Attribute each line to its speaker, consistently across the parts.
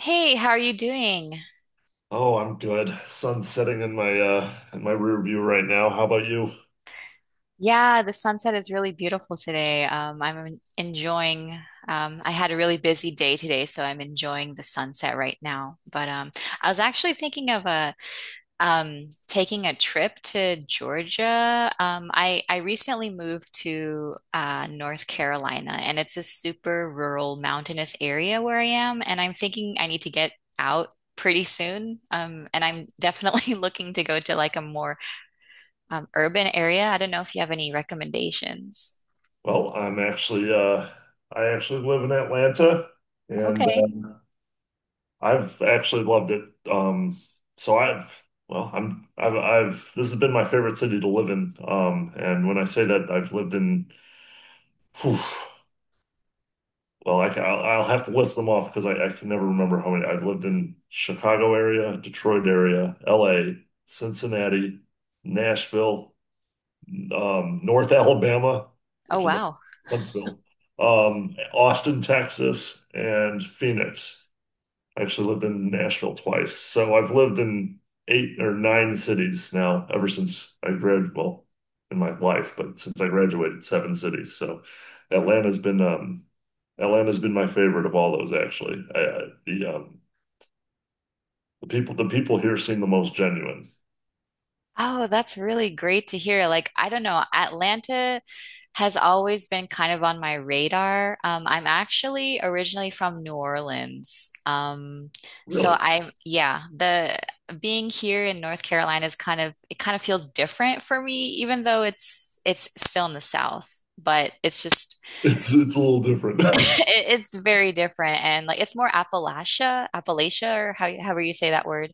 Speaker 1: Hey, how are you doing?
Speaker 2: Oh, I'm good. Sun's setting in my rear view right now. How about you?
Speaker 1: Yeah, the sunset is really beautiful today. Enjoying, I had a really busy day today, so I'm enjoying the sunset right now. But I was actually thinking of a, taking a trip to Georgia. I recently moved to North Carolina, and it's a super rural, mountainous area where I am, and I'm thinking I need to get out. Pretty soon. And I'm definitely looking to go to like a more urban area. I don't know if you have any recommendations.
Speaker 2: Well, I'm actually live in Atlanta and
Speaker 1: Okay.
Speaker 2: I've actually loved it. Um so I've well, I'm I've This has been my favorite city to live in. And when I say that, I've lived in whew, well, I'll have to list them off because I can never remember how many. I've lived in Chicago area, Detroit area, LA, Cincinnati, Nashville, North Alabama,
Speaker 1: Oh,
Speaker 2: which is like
Speaker 1: wow.
Speaker 2: Huntsville, Austin, Texas, and Phoenix. I actually lived in Nashville twice. So I've lived in 8 or 9 cities now ever since I graduated, well, in my life, but since I graduated, 7 cities. So Atlanta's been um, Atlanta's been my favorite of all those actually. I, the The people here seem the most genuine.
Speaker 1: Oh, that's really great to hear. Like, I don't know, Atlanta has always been kind of on my radar. I'm actually originally from New Orleans. So
Speaker 2: Really.
Speaker 1: I'm, yeah, the Being here in North Carolina is kind of, it kind of feels different for me, even though it's still in the South, but it's just
Speaker 2: It's a little different.
Speaker 1: It's very different and like it's more Appalachia, Appalachia or how however you say that word.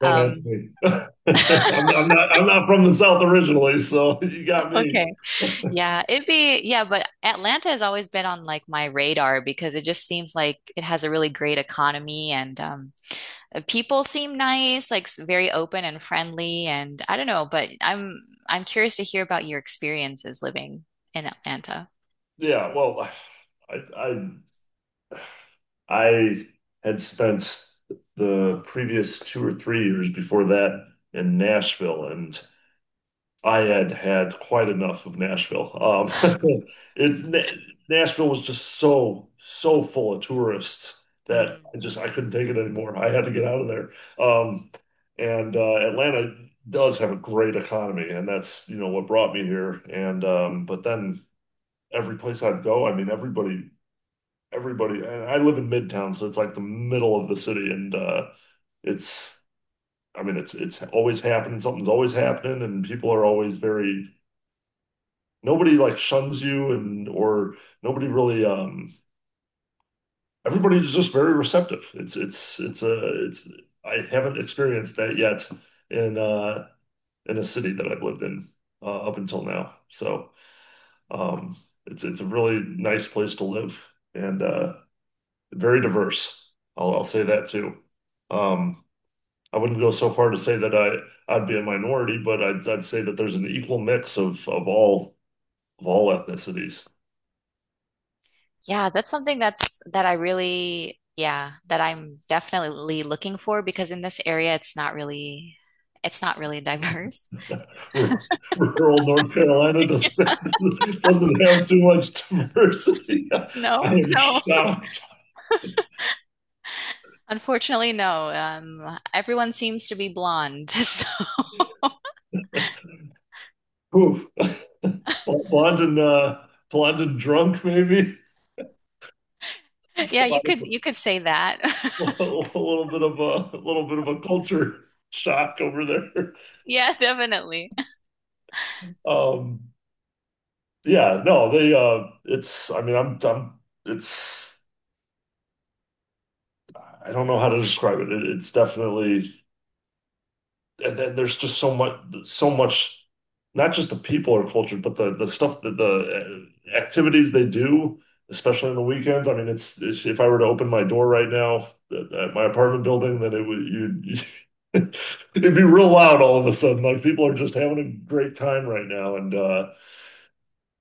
Speaker 2: Don't ask
Speaker 1: Um
Speaker 2: me. I'm not. I'm not from the South originally, so you got me.
Speaker 1: okay. But Atlanta has always been on like my radar because it just seems like it has a really great economy and the people seem nice, like very open and friendly and I don't know, but I'm curious to hear about your experiences living in Atlanta.
Speaker 2: Yeah. Well, I I I had spent the previous 2 or 3 years before that in Nashville, and I had had quite enough of Nashville. It, Na Nashville was just so, so full of tourists that
Speaker 1: Mm.
Speaker 2: I couldn't take it anymore. I had to get out of there. Um, and Atlanta does have a great economy, and that's you know what brought me here. And but then every place I'd go, I mean everybody. And I live in Midtown, so it's like the middle of the city, and it's. I mean, it's always happening. Something's always happening, and people are always very nobody like shuns you and or nobody really everybody's just very receptive. It's I haven't experienced that yet in uh in a city that I've lived in up until now. So um it's a really nice place to live and very diverse. I'll say that too. Um I wouldn't go so far to say that I'd be a minority, but I'd say that there's an equal mix of all ethnicities.
Speaker 1: That's something that I really, yeah, that I'm definitely looking for because in this area it's not really diverse.
Speaker 2: Rural North Carolina doesn't doesn't have too much diversity. I
Speaker 1: No,
Speaker 2: am
Speaker 1: no.
Speaker 2: shocked.
Speaker 1: Unfortunately, no. Everyone seems to be blonde. So,
Speaker 2: Oof. Blonde and blonde and drunk, maybe. It's a
Speaker 1: yeah, you
Speaker 2: lot of
Speaker 1: could say that.
Speaker 2: a little bit of a little bit of a culture shock over there.
Speaker 1: Yeah, definitely.
Speaker 2: Um, yeah, no, they. It's. I mean, I'm. It's. I don't know how to describe it. It's definitely, and then there's just so much, not just the people are cultured but the stuff that the activities they do, especially on the weekends. I mean it's if I were to open my door right now at my apartment building, then it would you it'd be real loud all of a sudden, like people are just having a great time right now. And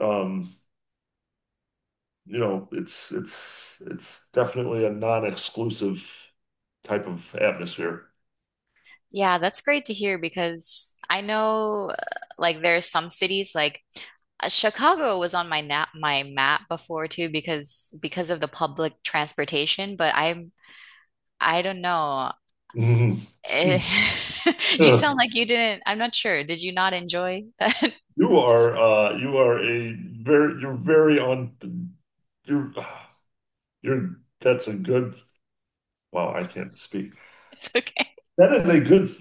Speaker 2: um you know, it's definitely a non-exclusive type of atmosphere.
Speaker 1: Yeah, that's great to hear because I know like there are some cities like Chicago was on my nap my map before too because of the public transportation, but I don't know. Eh, you sound
Speaker 2: Yeah.
Speaker 1: like you didn't. I'm not sure. Did you not enjoy that?
Speaker 2: You are a very you're very on you're you're that's a good, wow, I can't speak.
Speaker 1: It's okay.
Speaker 2: That is a good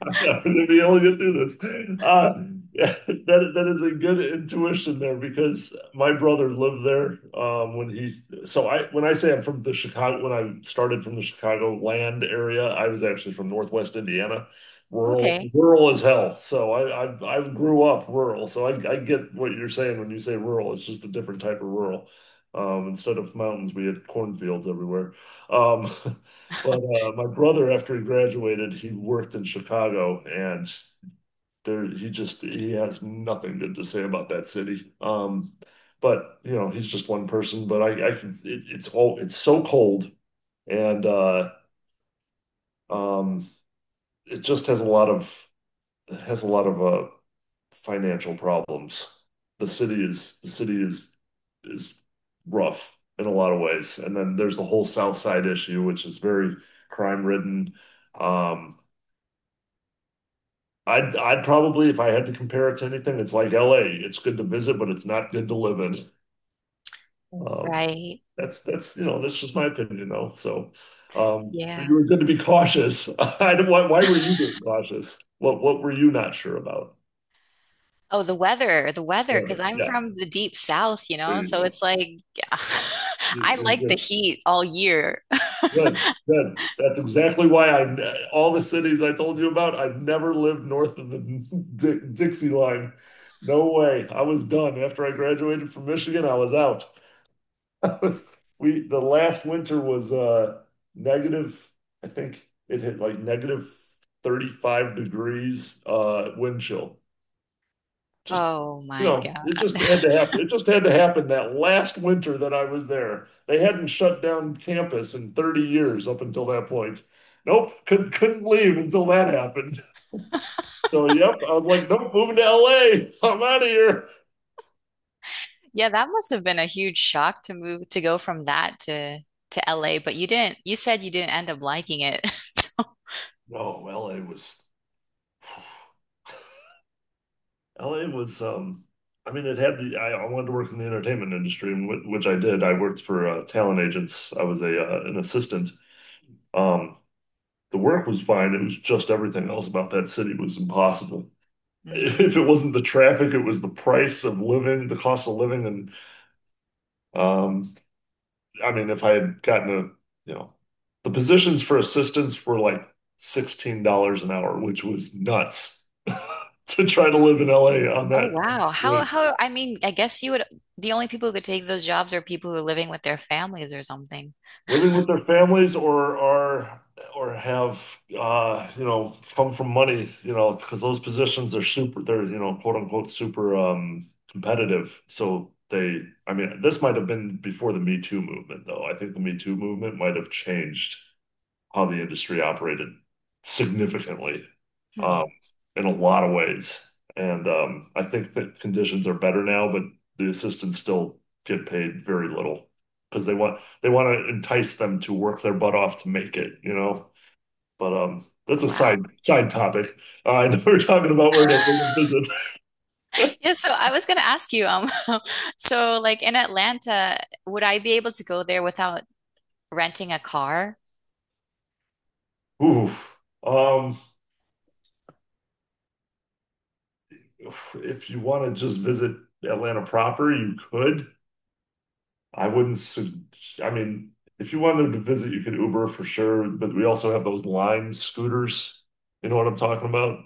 Speaker 2: I'm not going to be able to get through this. Yeah, that is a good intuition there because my brother lived there when he. So I when I say I'm from the Chicago, when I started from the Chicago land area. I was actually from Northwest Indiana,
Speaker 1: Okay.
Speaker 2: rural as hell. So I grew up rural. So I get what you're saying when you say rural. It's just a different type of rural. Instead of mountains, we had cornfields everywhere. Um, But my brother, after he graduated, he worked in Chicago, and there he just he has nothing good to say about that city. But you know, he's just one person. But I can it's all it's so cold, and um, it just has a lot of it has a lot of uh, financial problems. The city is is rough in a lot of ways, and then there's the whole South Side issue, which is very crime ridden. Um, I'd probably, if I had to compare it to anything, it's like LA. It's good to visit, but it's not good to live in. Um,
Speaker 1: Right.
Speaker 2: that's you know that's just my opinion though. So, but you
Speaker 1: Yeah.
Speaker 2: were good to be cautious. I don't, why were you being cautious? What were you not sure about?
Speaker 1: Oh, the weather,
Speaker 2: Yeah,
Speaker 1: because I'm
Speaker 2: yeah,
Speaker 1: from the deep south, you
Speaker 2: there
Speaker 1: know,
Speaker 2: you
Speaker 1: so
Speaker 2: go.
Speaker 1: it's like I
Speaker 2: You're
Speaker 1: like the
Speaker 2: good,
Speaker 1: heat all year.
Speaker 2: good, good. That's exactly why I, all the cities I told you about, I never lived north of the Di Dixie line. No way. I was done after I graduated from Michigan. I was out. The last winter was negative, I think it hit like negative 35 degrees wind chill. Just,
Speaker 1: Oh
Speaker 2: you
Speaker 1: my
Speaker 2: know,
Speaker 1: God.
Speaker 2: it just had to happen. It just had to happen that last winter that I was there. They hadn't shut down campus in 30 years up until that point. Nope, couldn't leave until that happened. So yep, I was like, nope, moving to LA. I'm out of here.
Speaker 1: Yeah, that must have been a huge shock to move to go from that to LA, but you didn't, you said you didn't end up liking it. So,
Speaker 2: No, LA was LA was I mean it had the I wanted to work in the entertainment industry, and wh which I did. I worked for talent agents. I was a an assistant. Um, the work was fine. It was just everything else about that city was impossible. If
Speaker 1: mm.
Speaker 2: it wasn't the traffic, it was the price of living, the cost of living, and um I mean if I had gotten a, you know, the positions for assistants were like $16 an hour, which was nuts to try to live in LA on
Speaker 1: Oh
Speaker 2: that,
Speaker 1: wow. How I mean, I guess you would the only people who could take those jobs are people who are living with their families or something.
Speaker 2: living with their families, or are or have you know come from money, you know, because those positions are super they're you know quote unquote super competitive, so they, I mean this might have been before the Me Too movement though. I think the Me Too movement might have changed how the industry operated significantly,
Speaker 1: Hmm.
Speaker 2: um, in a lot of ways. And I think that conditions are better now, but the assistants still get paid very little because they want to entice them to work their butt off to make it, you know. But that's a
Speaker 1: Wow.
Speaker 2: side topic. I know we're talking about where to visit.
Speaker 1: Yeah, so I was gonna ask you, so like in Atlanta, would I be able to go there without renting a car?
Speaker 2: Oof. Um, if you want to just visit Atlanta proper, you could. I wouldn't. Sug- I mean, if you wanted to visit, you could Uber for sure. But we also have those Lime scooters. You know what I'm talking about?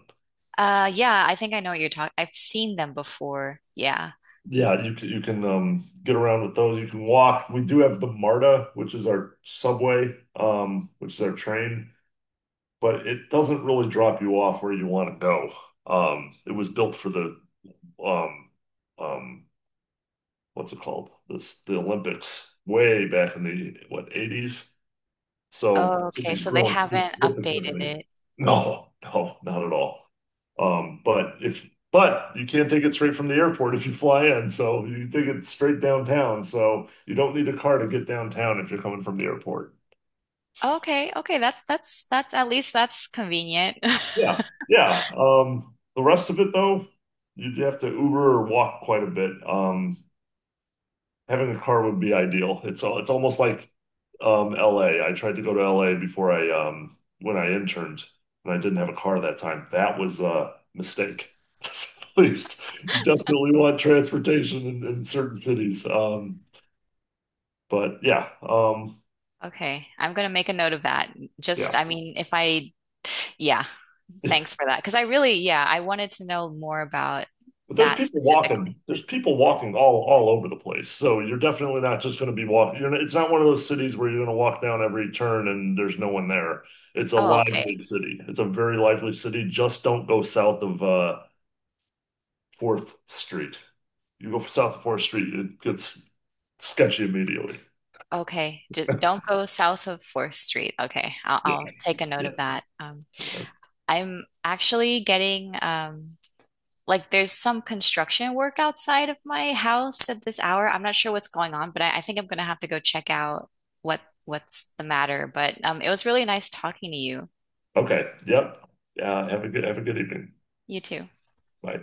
Speaker 1: Yeah, I think I know what you're talking. I've seen them before. Yeah.
Speaker 2: Yeah, you can get around with those. You can walk. We do have the MARTA, which is our subway, which is our train, but it doesn't really drop you off where you want to go. It was built for the um, um, what's it called? This The Olympics way back in the what 80's. So the
Speaker 1: Oh, okay.
Speaker 2: city's
Speaker 1: So they
Speaker 2: grown
Speaker 1: haven't updated
Speaker 2: significantly.
Speaker 1: it.
Speaker 2: No, no, not at all. But if but You can't take it straight from the airport if you fly in, so you take it straight downtown. So you don't need a car to get downtown if you're coming from the airport.
Speaker 1: Okay, okay, that's at least that's convenient.
Speaker 2: Yeah, yeah. The rest of it though, you'd have to Uber or walk quite a bit. Having a car would be ideal. It's almost like LA. I tried to go to LA before I when I interned, and I didn't have a car that time. That was a mistake. At least you definitely want transportation in certain cities. Um, but yeah, um,
Speaker 1: Okay, I'm gonna make a note of that. Just,
Speaker 2: yeah.
Speaker 1: I mean, if I, yeah. Thanks for that. Because I really, yeah, I wanted to know more about
Speaker 2: But there's
Speaker 1: that
Speaker 2: people
Speaker 1: specifically.
Speaker 2: walking. There's people walking all over the place. So you're definitely not just going to be walking. You're not, it's not one of those cities where you're going to walk down every turn and there's no one there. It's a
Speaker 1: Oh, okay.
Speaker 2: lively city. It's a very lively city. Just don't go south of Fourth Street. You go south of Fourth Street, it gets sketchy immediately.
Speaker 1: Okay. D Don't go south of 4th Street. Okay. I'll,
Speaker 2: Yeah,
Speaker 1: I'll take a note
Speaker 2: yeah,
Speaker 1: of that.
Speaker 2: yeah.
Speaker 1: I'm actually getting, like, there's some construction work outside of my house at this hour. I'm not sure what's going on, but I think I'm going to have to go check out what's the matter. But it was really nice talking to you.
Speaker 2: Okay. Yep. Yeah. Have a good evening.
Speaker 1: You too.
Speaker 2: Bye.